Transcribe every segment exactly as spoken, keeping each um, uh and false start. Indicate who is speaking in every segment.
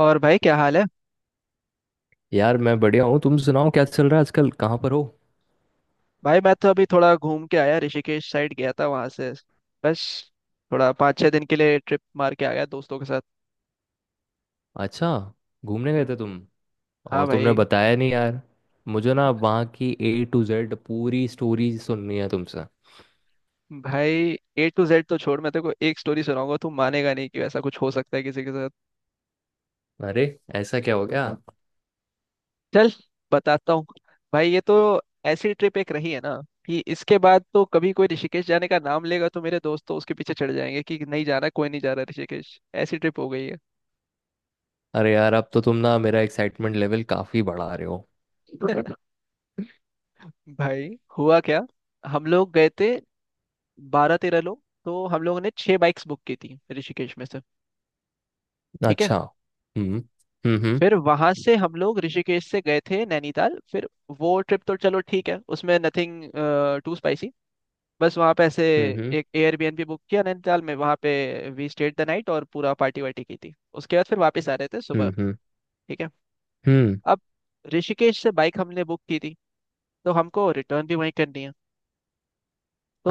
Speaker 1: और भाई, क्या हाल है?
Speaker 2: यार मैं बढ़िया हूँ। तुम सुनाओ, क्या चल रहा है आजकल? कहाँ पर हो?
Speaker 1: भाई मैं तो अभी थोड़ा घूम के आया, ऋषिकेश साइड गया था वहां से। बस थोड़ा पाँच छः दिन के लिए ट्रिप मार के आया दोस्तों के साथ।
Speaker 2: अच्छा, घूमने गए
Speaker 1: हम्म,
Speaker 2: थे तुम?
Speaker 1: हाँ
Speaker 2: और तुमने
Speaker 1: भाई।
Speaker 2: बताया नहीं यार। मुझे ना वहाँ की ए टू जेड पूरी स्टोरी सुननी है तुमसे।
Speaker 1: भाई ए टू जेड तो छोड़, मैं तेरे को एक स्टोरी सुनाऊंगा, तू मानेगा नहीं कि ऐसा कुछ हो सकता है किसी के साथ।
Speaker 2: अरे, ऐसा क्या हो गया?
Speaker 1: चल, बताता हूँ। भाई ये तो ऐसी ट्रिप एक रही है ना कि इसके बाद तो कभी कोई ऋषिकेश जाने का नाम लेगा तो मेरे दोस्त तो उसके पीछे चढ़ जाएंगे कि नहीं जा रहा कोई, नहीं जा रहा ऋषिकेश, ऐसी ट्रिप हो गई है।
Speaker 2: अरे यार, अब तो तुम ना मेरा एक्साइटमेंट लेवल काफी बढ़ा रहे हो।
Speaker 1: भाई, हुआ क्या? हम लोग गए थे बारह तेरह लोग, तो हम लोगों ने छह बाइक्स बुक की थी ऋषिकेश में से। ठीक है।
Speaker 2: अच्छा। हम्म। हम्म। हम्म।
Speaker 1: फिर वहां से हम लोग ऋषिकेश से गए थे नैनीताल। फिर वो ट्रिप तो चलो ठीक है, उसमें नथिंग टू स्पाइसी। बस वहां पे ऐसे
Speaker 2: हम्म।
Speaker 1: एक एयरबीएनबी बुक किया नैनीताल में, वहां पे वी स्टेड द नाइट और पूरा पार्टी वार्टी की थी। उसके बाद फिर वापस आ रहे थे
Speaker 2: हम्म।
Speaker 1: सुबह।
Speaker 2: हम्म। हम्म।
Speaker 1: ठीक है।
Speaker 2: हम्म।
Speaker 1: अब, ऋषिकेश से बाइक हमने बुक की थी तो हमको रिटर्न भी वहीं करनी है।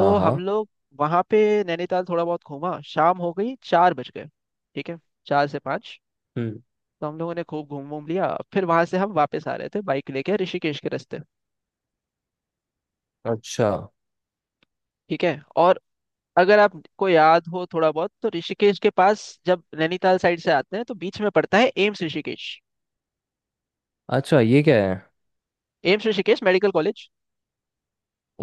Speaker 2: हाँ,
Speaker 1: हम
Speaker 2: हाँ।
Speaker 1: लोग वहां पे नैनीताल थोड़ा बहुत घूमा, शाम हो गई, चार बज गए। ठीक है। चार से पाँच।
Speaker 2: हम्म।
Speaker 1: तो हम लोगों ने खूब घूम घूम लिया। फिर वहां से हम वापस आ रहे थे बाइक लेके ऋषिकेश के रास्ते।
Speaker 2: अच्छा।
Speaker 1: ठीक है। और अगर आपको याद हो थोड़ा बहुत, तो ऋषिकेश के पास जब नैनीताल साइड से आते हैं तो बीच में पड़ता है एम्स ऋषिकेश।
Speaker 2: अच्छा, ये क्या है?
Speaker 1: AIIMS Rishikesh medical college.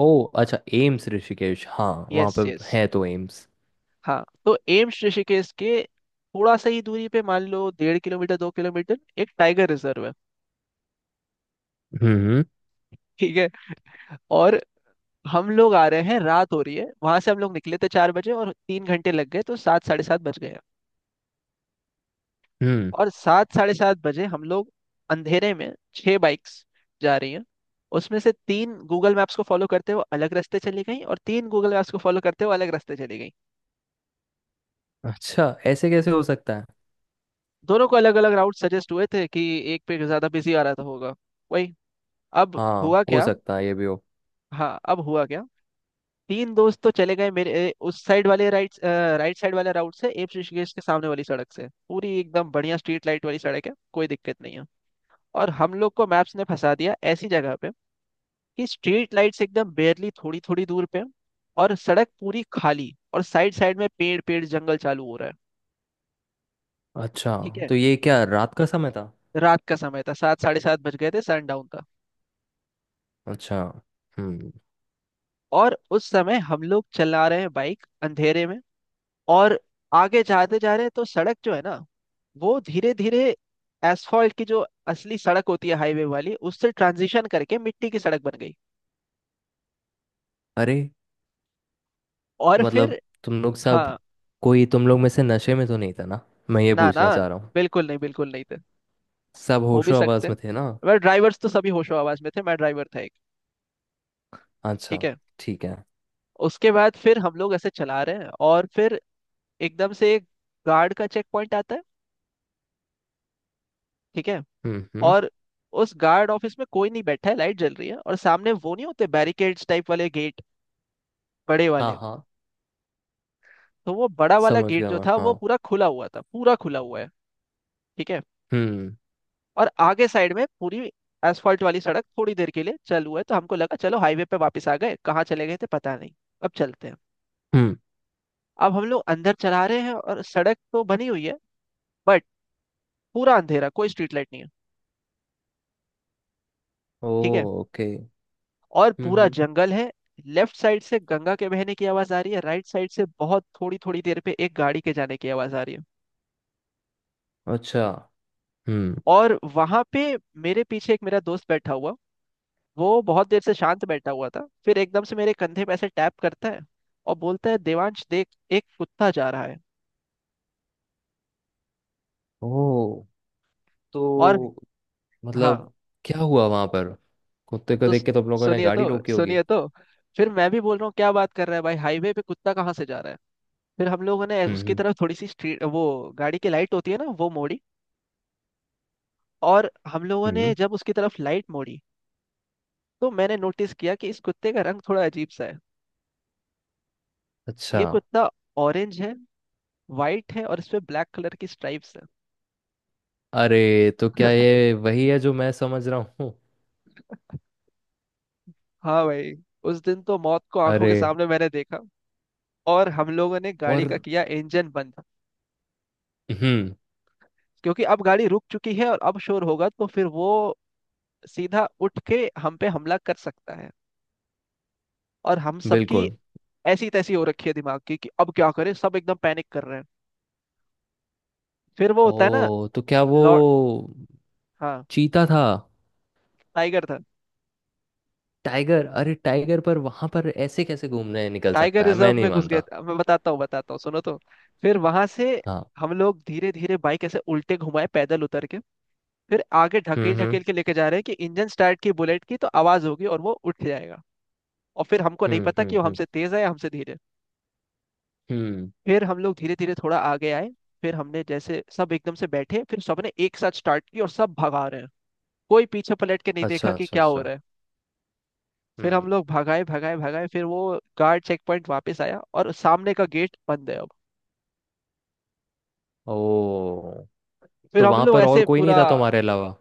Speaker 2: ओ, अच्छा, एम्स ऋषिकेश। हाँ, वहाँ पे
Speaker 1: यस यस।
Speaker 2: है तो एम्स।
Speaker 1: हाँ, तो एम्स ऋषिकेश के थोड़ा सा ही दूरी पे, मान लो डेढ़ किलोमीटर दो किलोमीटर, एक टाइगर रिजर्व है।
Speaker 2: हम्म। हम्म।
Speaker 1: ठीक है। और हम लोग आ रहे हैं, रात हो रही है, वहां से हम लोग निकले थे चार बजे और तीन घंटे लग गए तो सात साढ़े सात बज गए।
Speaker 2: हम्म।
Speaker 1: और सात साढ़े सात बजे हम लोग अंधेरे में छह बाइक्स जा रही हैं। उसमें से तीन गूगल मैप्स को फॉलो करते हुए अलग रास्ते चली गई और तीन गूगल मैप्स को फॉलो करते हुए अलग रास्ते चली गई।
Speaker 2: अच्छा, ऐसे कैसे हो सकता है?
Speaker 1: दोनों को अलग अलग राउट सजेस्ट हुए थे कि एक पे ज्यादा बिजी आ रहा था होगा, वही। अब
Speaker 2: हाँ,
Speaker 1: हुआ
Speaker 2: हो
Speaker 1: क्या?
Speaker 2: सकता है ये भी हो।
Speaker 1: हाँ, अब हुआ क्या। तीन दोस्त तो चले गए मेरे ए, उस साइड वाले राइट, राइट साइड वाले राउट से, एप्स ऋषिकेश के सामने वाली सड़क से, पूरी एकदम बढ़िया स्ट्रीट लाइट वाली सड़क है, कोई दिक्कत नहीं है। और हम लोग को मैप्स ने फंसा दिया ऐसी जगह पे कि स्ट्रीट लाइट्स एकदम बेयरली थोड़ी थोड़ी दूर पे हैं और सड़क पूरी खाली और साइड साइड में पेड़ पेड़ जंगल चालू हो रहा है।
Speaker 2: अच्छा,
Speaker 1: ठीक है।
Speaker 2: तो ये क्या रात का समय था?
Speaker 1: रात का समय था, सात साढ़े सात बज गए थे, सनडाउन का।
Speaker 2: अच्छा। हम्म।
Speaker 1: और उस समय हम लोग चला रहे हैं बाइक अंधेरे में। और आगे जाते जा रहे हैं तो सड़क जो है ना, वो धीरे धीरे एसफॉल्ट की जो असली सड़क होती है हाईवे वाली उससे ट्रांजिशन करके मिट्टी की सड़क बन गई।
Speaker 2: अरे,
Speaker 1: और फिर
Speaker 2: मतलब तुम लोग सब,
Speaker 1: हाँ,
Speaker 2: कोई तुम लोग में से नशे में तो नहीं था ना? मैं ये
Speaker 1: ना ना,
Speaker 2: पूछना चाह रहा हूँ।
Speaker 1: बिल्कुल नहीं, बिल्कुल नहीं थे।
Speaker 2: सब
Speaker 1: हो भी
Speaker 2: होशो आवाज
Speaker 1: सकते हैं,
Speaker 2: में थे ना?
Speaker 1: वह ड्राइवर्स तो सभी होशो आवाज में थे, मैं ड्राइवर था एक।
Speaker 2: अच्छा।
Speaker 1: ठीक है।
Speaker 2: ठीक है।
Speaker 1: उसके बाद फिर हम लोग ऐसे चला रहे हैं और फिर एकदम से एक गार्ड का चेक पॉइंट आता है। ठीक है।
Speaker 2: हम्म। हम्म।
Speaker 1: और उस गार्ड ऑफिस में कोई नहीं बैठा है, लाइट जल रही है और सामने वो नहीं होते बैरिकेड्स टाइप वाले गेट, बड़े
Speaker 2: हाँ,
Speaker 1: वाले।
Speaker 2: हाँ,
Speaker 1: तो वो बड़ा वाला
Speaker 2: समझ
Speaker 1: गेट
Speaker 2: गया
Speaker 1: जो
Speaker 2: मैं,
Speaker 1: था
Speaker 2: हाँ।
Speaker 1: वो पूरा खुला हुआ था, पूरा खुला हुआ है। ठीक है।
Speaker 2: हम्म।
Speaker 1: और आगे साइड में पूरी एसफॉल्ट वाली सड़क थोड़ी देर के लिए चल हुआ है तो हमको लगा चलो हाईवे पे वापस आ गए, कहाँ चले गए थे पता नहीं, अब चलते हैं।
Speaker 2: हम्म।
Speaker 1: अब हम लोग अंदर चला रहे हैं और सड़क तो बनी हुई है, बट पूरा अंधेरा, कोई स्ट्रीट लाइट नहीं है।
Speaker 2: ओ।
Speaker 1: ठीक है।
Speaker 2: ओके।
Speaker 1: और
Speaker 2: हम्म।
Speaker 1: पूरा
Speaker 2: हम्म।
Speaker 1: जंगल है। लेफ्ट साइड से गंगा के बहने की आवाज आ रही है, राइट साइड से बहुत थोड़ी थोड़ी देर पे एक गाड़ी के जाने की आवाज आ रही है।
Speaker 2: अच्छा। हम्म।
Speaker 1: और वहां पे मेरे पीछे एक मेरा दोस्त बैठा हुआ, वो बहुत देर से शांत बैठा हुआ था, फिर एकदम से मेरे कंधे पे ऐसे टैप करता है और बोलता है, देवांश देख, एक कुत्ता जा रहा है।
Speaker 2: ओ,
Speaker 1: और
Speaker 2: तो
Speaker 1: हाँ,
Speaker 2: मतलब क्या हुआ वहां पर? कुत्ते को
Speaker 1: तो
Speaker 2: देख के तो आप लोगों ने
Speaker 1: सुनिए तो,
Speaker 2: गाड़ी रोकी होगी।
Speaker 1: सुनिए तो। फिर मैं भी बोल रहा हूँ क्या बात कर रहा है भाई, हाईवे पे कुत्ता कहाँ से जा रहा है। फिर हम लोगों ने उसकी
Speaker 2: हम्म।
Speaker 1: तरफ थोड़ी सी स्ट्रीट, वो गाड़ी की लाइट होती है ना, वो मोड़ी। और हम लोगों
Speaker 2: हम्म।
Speaker 1: ने
Speaker 2: हम्म।
Speaker 1: जब उसकी तरफ लाइट मोड़ी तो मैंने नोटिस किया कि इस कुत्ते का रंग थोड़ा अजीब सा है।
Speaker 2: अच्छा।
Speaker 1: ये कुत्ता ऑरेंज है, वाइट है और इस पे ब्लैक कलर की स्ट्राइप्स है।
Speaker 2: अरे, तो क्या ये वही है जो मैं समझ रहा हूँ?
Speaker 1: हाँ भाई, उस दिन तो मौत को आंखों के
Speaker 2: अरे।
Speaker 1: सामने मैंने देखा। और हम लोगों ने
Speaker 2: और?
Speaker 1: गाड़ी का किया इंजन बंद,
Speaker 2: हम्म।
Speaker 1: क्योंकि अब गाड़ी रुक चुकी है और अब शोर होगा तो फिर वो सीधा उठ के हम पे हमला कर सकता है। और हम सबकी
Speaker 2: बिल्कुल।
Speaker 1: ऐसी तैसी हो रखी है दिमाग की कि अब क्या करें, सब एकदम पैनिक कर रहे हैं। फिर वो होता है ना,
Speaker 2: ओ, तो क्या वो
Speaker 1: लॉर्ड। हाँ,
Speaker 2: चीता था?
Speaker 1: टाइगर था।
Speaker 2: टाइगर? अरे, टाइगर पर वहां पर ऐसे कैसे घूमने निकल
Speaker 1: टाइगर
Speaker 2: सकता है? मैं
Speaker 1: रिजर्व
Speaker 2: नहीं
Speaker 1: में घुस गए
Speaker 2: मानता।
Speaker 1: थे। मैं बताता हूँ बताता हूँ, सुनो तो। फिर वहां से
Speaker 2: हाँ।
Speaker 1: हम लोग धीरे धीरे बाइक ऐसे उल्टे घुमाए पैदल उतर के, फिर आगे
Speaker 2: हम्म।
Speaker 1: ढकेल ढकेल
Speaker 2: हम्म।
Speaker 1: के लेके जा रहे हैं कि इंजन स्टार्ट की, बुलेट की तो आवाज होगी और वो उठ जाएगा। और फिर हमको नहीं
Speaker 2: हम्म।
Speaker 1: पता कि
Speaker 2: हम्म।
Speaker 1: वो
Speaker 2: हम्म।
Speaker 1: हमसे तेज है या हमसे धीरे।
Speaker 2: हम्म।
Speaker 1: फिर हम लोग धीरे धीरे थोड़ा आगे आए, फिर हमने जैसे सब एकदम से बैठे, फिर सबने एक साथ स्टार्ट की और सब भगा रहे हैं, कोई पीछे पलट के नहीं देखा
Speaker 2: अच्छा,
Speaker 1: कि
Speaker 2: अच्छा,
Speaker 1: क्या हो
Speaker 2: अच्छा।
Speaker 1: रहा है। फिर
Speaker 2: हम्म।
Speaker 1: हम लोग भगाए भगाए भगाए, फिर वो गार्ड चेक पॉइंट वापस आया और सामने का गेट बंद है अब।
Speaker 2: ओ,
Speaker 1: फिर
Speaker 2: तो
Speaker 1: हम
Speaker 2: वहां
Speaker 1: लोग
Speaker 2: पर और
Speaker 1: ऐसे
Speaker 2: कोई नहीं
Speaker 1: पूरा,
Speaker 2: था तुम्हारे अलावा?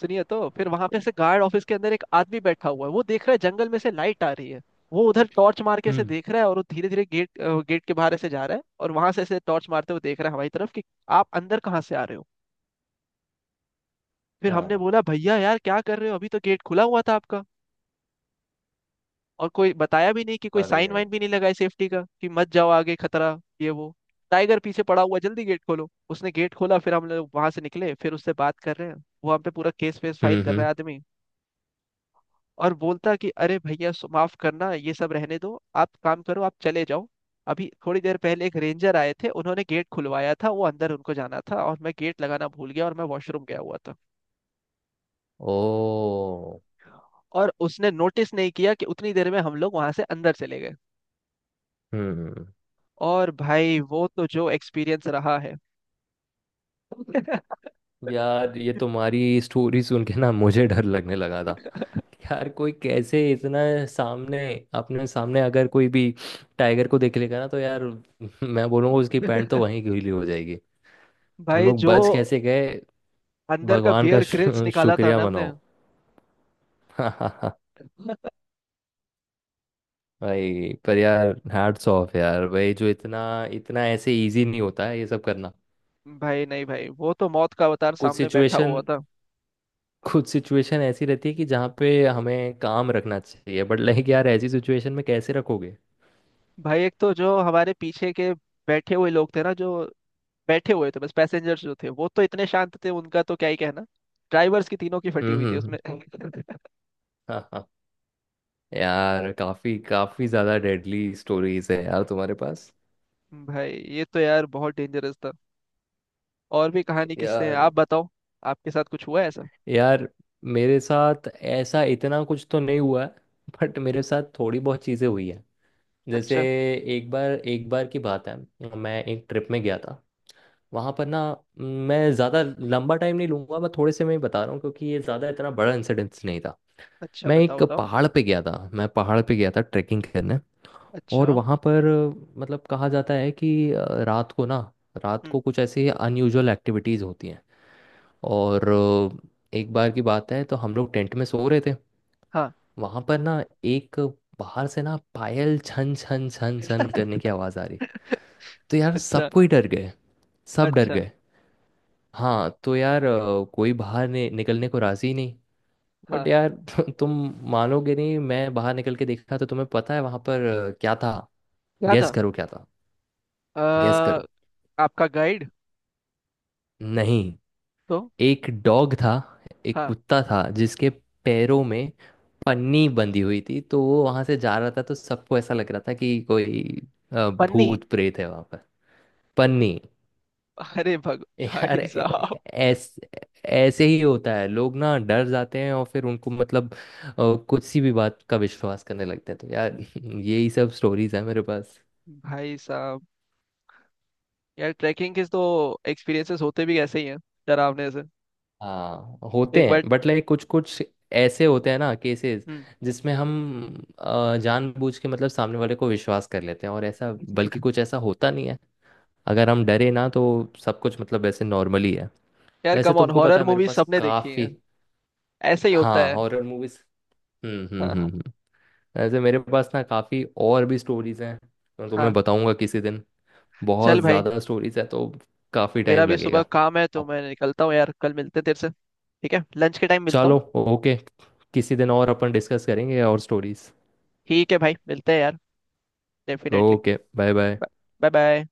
Speaker 1: सुनिए तो, फिर वहां पे से गार्ड ऑफिस के अंदर एक आदमी बैठा हुआ है, वो देख रहा है जंगल में से लाइट आ रही है। वो उधर टॉर्च मार के ऐसे
Speaker 2: हम्म।
Speaker 1: देख रहा है और वो धीरे धीरे गेट, गेट के बाहर ऐसे जा रहा है और वहां से ऐसे टॉर्च मारते हुए देख रहा है हमारी तरफ कि आप अंदर कहाँ से आ रहे हो। फिर हमने
Speaker 2: हाँ।
Speaker 1: बोला भैया यार क्या कर रहे हो, अभी तो गेट खुला हुआ था आपका और कोई बताया भी नहीं, कि कोई
Speaker 2: अरे।
Speaker 1: साइन वाइन भी नहीं लगाए सेफ्टी का कि मत जाओ आगे खतरा ये वो, टाइगर पीछे पड़ा हुआ, जल्दी गेट खोलो। उसने गेट खोला, फिर हम लोग वहां से निकले, फिर उससे बात कर रहे हैं। वो हम पे पूरा केस वेस फाइल
Speaker 2: हम्म।
Speaker 1: कर रहा
Speaker 2: हम्म।
Speaker 1: है आदमी और बोलता कि अरे भैया, सो- माफ करना, ये सब रहने दो, आप काम करो, आप चले जाओ, अभी थोड़ी देर पहले एक रेंजर आए थे, उन्होंने गेट खुलवाया था, वो अंदर उनको जाना था और मैं गेट लगाना भूल गया और मैं वॉशरूम गया हुआ था।
Speaker 2: ओ।
Speaker 1: और उसने नोटिस नहीं किया कि उतनी देर में हम लोग वहां से अंदर चले गए।
Speaker 2: हम्म।
Speaker 1: और भाई वो तो जो एक्सपीरियंस रहा है।
Speaker 2: यार, ये तुम्हारी स्टोरी सुन के ना मुझे डर लगने लगा था। यार कोई कैसे इतना, सामने, अपने सामने अगर कोई भी टाइगर को देख लेगा ना तो यार मैं बोलूँगा उसकी पैंट तो वहीं गीली हो जाएगी। तुम
Speaker 1: भाई
Speaker 2: लोग
Speaker 1: जो
Speaker 2: बच कैसे गए?
Speaker 1: अंदर का
Speaker 2: भगवान का
Speaker 1: बियर ग्रिल्स
Speaker 2: शु-
Speaker 1: निकाला था
Speaker 2: शुक्रिया
Speaker 1: ना हमने।
Speaker 2: मनाओ। भाई पर यार हैट्स ऑफ यार, भाई जो इतना, इतना ऐसे इजी नहीं होता है ये सब करना।
Speaker 1: भाई नहीं भाई, वो तो मौत का अवतार
Speaker 2: कुछ
Speaker 1: सामने बैठा
Speaker 2: सिचुएशन,
Speaker 1: हुआ था।
Speaker 2: कुछ सिचुएशन ऐसी रहती है कि जहाँ पे हमें काम रखना चाहिए, बट लाइक यार ऐसी सिचुएशन में कैसे रखोगे?
Speaker 1: भाई एक तो जो हमारे पीछे के बैठे हुए लोग थे ना, जो बैठे हुए थे बस, पैसेंजर्स जो थे वो तो इतने शांत थे, उनका तो क्या ही कहना। ड्राइवर्स की तीनों की फटी
Speaker 2: हम्म।
Speaker 1: हुई थी
Speaker 2: हम्म।
Speaker 1: उसमें।
Speaker 2: हाँ, हाँ। यार काफी काफी ज्यादा डेडली स्टोरीज है यार तुम्हारे पास।
Speaker 1: भाई ये तो यार बहुत डेंजरस था। और भी कहानी किससे है,
Speaker 2: यार।
Speaker 1: आप बताओ? आपके साथ कुछ हुआ है ऐसा?
Speaker 2: यार, मेरे साथ ऐसा इतना कुछ तो नहीं हुआ है। बट मेरे साथ थोड़ी बहुत चीजें हुई है। जैसे,
Speaker 1: अच्छा।
Speaker 2: एक बार, एक बार की बात है। मैं एक ट्रिप में गया था। वहां पर ना, मैं ज्यादा लंबा टाइम नहीं लूंगा, मैं थोड़े से मैं ही बता रहा हूँ क्योंकि ये ज्यादा इतना बड़ा इंसिडेंस नहीं था।
Speaker 1: अच्छा
Speaker 2: मैं
Speaker 1: बताओ
Speaker 2: एक
Speaker 1: बताओ।
Speaker 2: पहाड़ पे गया था, मैं पहाड़ पे गया था ट्रैकिंग करने। और
Speaker 1: अच्छा।
Speaker 2: वहाँ पर अ, मतलब कहा जाता है कि अ, रात को ना, रात
Speaker 1: हम्म।
Speaker 2: को कुछ ऐसी अनयूजुअल एक्टिविटीज़ होती हैं। और अ, एक बार की बात है, तो हम लोग टेंट में सो रहे थे।
Speaker 1: हाँ।
Speaker 2: वहाँ पर ना एक, बाहर से ना पायल छन छन छन छन करने की आवाज़ आ रही। तो यार सब
Speaker 1: अच्छा।
Speaker 2: कोई डर गए, सब डर
Speaker 1: अच्छा।
Speaker 2: गए। हाँ, तो यार अ, कोई बाहर नि- निकलने को राज़ी नहीं। बट
Speaker 1: हाँ,
Speaker 2: यार तु- तुम मानोगे नहीं, मैं बाहर निकल के देखा तो तुम्हें पता है वहां पर अ, क्या था?
Speaker 1: क्या
Speaker 2: गैस
Speaker 1: था?
Speaker 2: करो क्या था। गैस
Speaker 1: अ,
Speaker 2: करो।
Speaker 1: आपका गाइड?
Speaker 2: नहीं,
Speaker 1: तो
Speaker 2: एक डॉग था, एक
Speaker 1: हाँ,
Speaker 2: कुत्ता था जिसके पैरों में पन्नी बंधी हुई थी, तो वो वहां से जा रहा था तो सबको ऐसा लग रहा था कि कोई अ,
Speaker 1: पन्नी?
Speaker 2: भूत प्रेत है वहां पर। पन्नी।
Speaker 1: अरे भग
Speaker 2: यार
Speaker 1: भाई
Speaker 2: ऐ-
Speaker 1: साहब।
Speaker 2: ऐस ऐसे ही होता है, लोग ना डर जाते हैं और फिर उनको मतलब अ, कुछ सी भी बात का विश्वास करने लगते हैं, तो यार यही सब स्टोरीज है मेरे पास।
Speaker 1: भाई साहब, यार ट्रैकिंग के तो एक्सपीरियंसेस होते भी ऐसे ही हैं, डरावने से।
Speaker 2: हाँ, होते
Speaker 1: एक
Speaker 2: हैं
Speaker 1: बार।
Speaker 2: बट लाइक कुछ कुछ, ऐसे होते हैं ना केसेस
Speaker 1: हम्म।
Speaker 2: जिसमें हम अ, जानबूझ के मतलब सामने वाले को विश्वास कर लेते हैं और ऐसा, बल्कि कुछ ऐसा होता नहीं है, अगर हम डरे ना तो सब कुछ मतलब वैसे नॉर्मली है।
Speaker 1: यार
Speaker 2: वैसे
Speaker 1: कम ऑन,
Speaker 2: तुमको पता
Speaker 1: हॉरर
Speaker 2: है मेरे
Speaker 1: मूवी
Speaker 2: पास
Speaker 1: सबने देखी
Speaker 2: काफ़ी,
Speaker 1: है, ऐसे ही होता
Speaker 2: हाँ,
Speaker 1: है।
Speaker 2: Horror movies. हम्म। हम्म। हम्म।
Speaker 1: हाँ
Speaker 2: हम्म। वैसे मेरे पास ना काफ़ी और भी स्टोरीज हैं, मैं तुम्हें
Speaker 1: हाँ।
Speaker 2: बताऊंगा किसी दिन।
Speaker 1: चल
Speaker 2: बहुत
Speaker 1: भाई,
Speaker 2: ज़्यादा स्टोरीज है, तो काफ़ी
Speaker 1: मेरा
Speaker 2: टाइम
Speaker 1: भी सुबह
Speaker 2: लगेगा।
Speaker 1: काम है तो
Speaker 2: अब
Speaker 1: मैं निकलता हूँ यार, कल मिलते हैं तेरे से। ठीक है, लंच के टाइम मिलता हूँ।
Speaker 2: चलो, ओके, किसी दिन और अपन डिस्कस करेंगे और स्टोरीज।
Speaker 1: ठीक है भाई, मिलते हैं यार। Definitely.
Speaker 2: Okay, bye bye.
Speaker 1: Bye bye.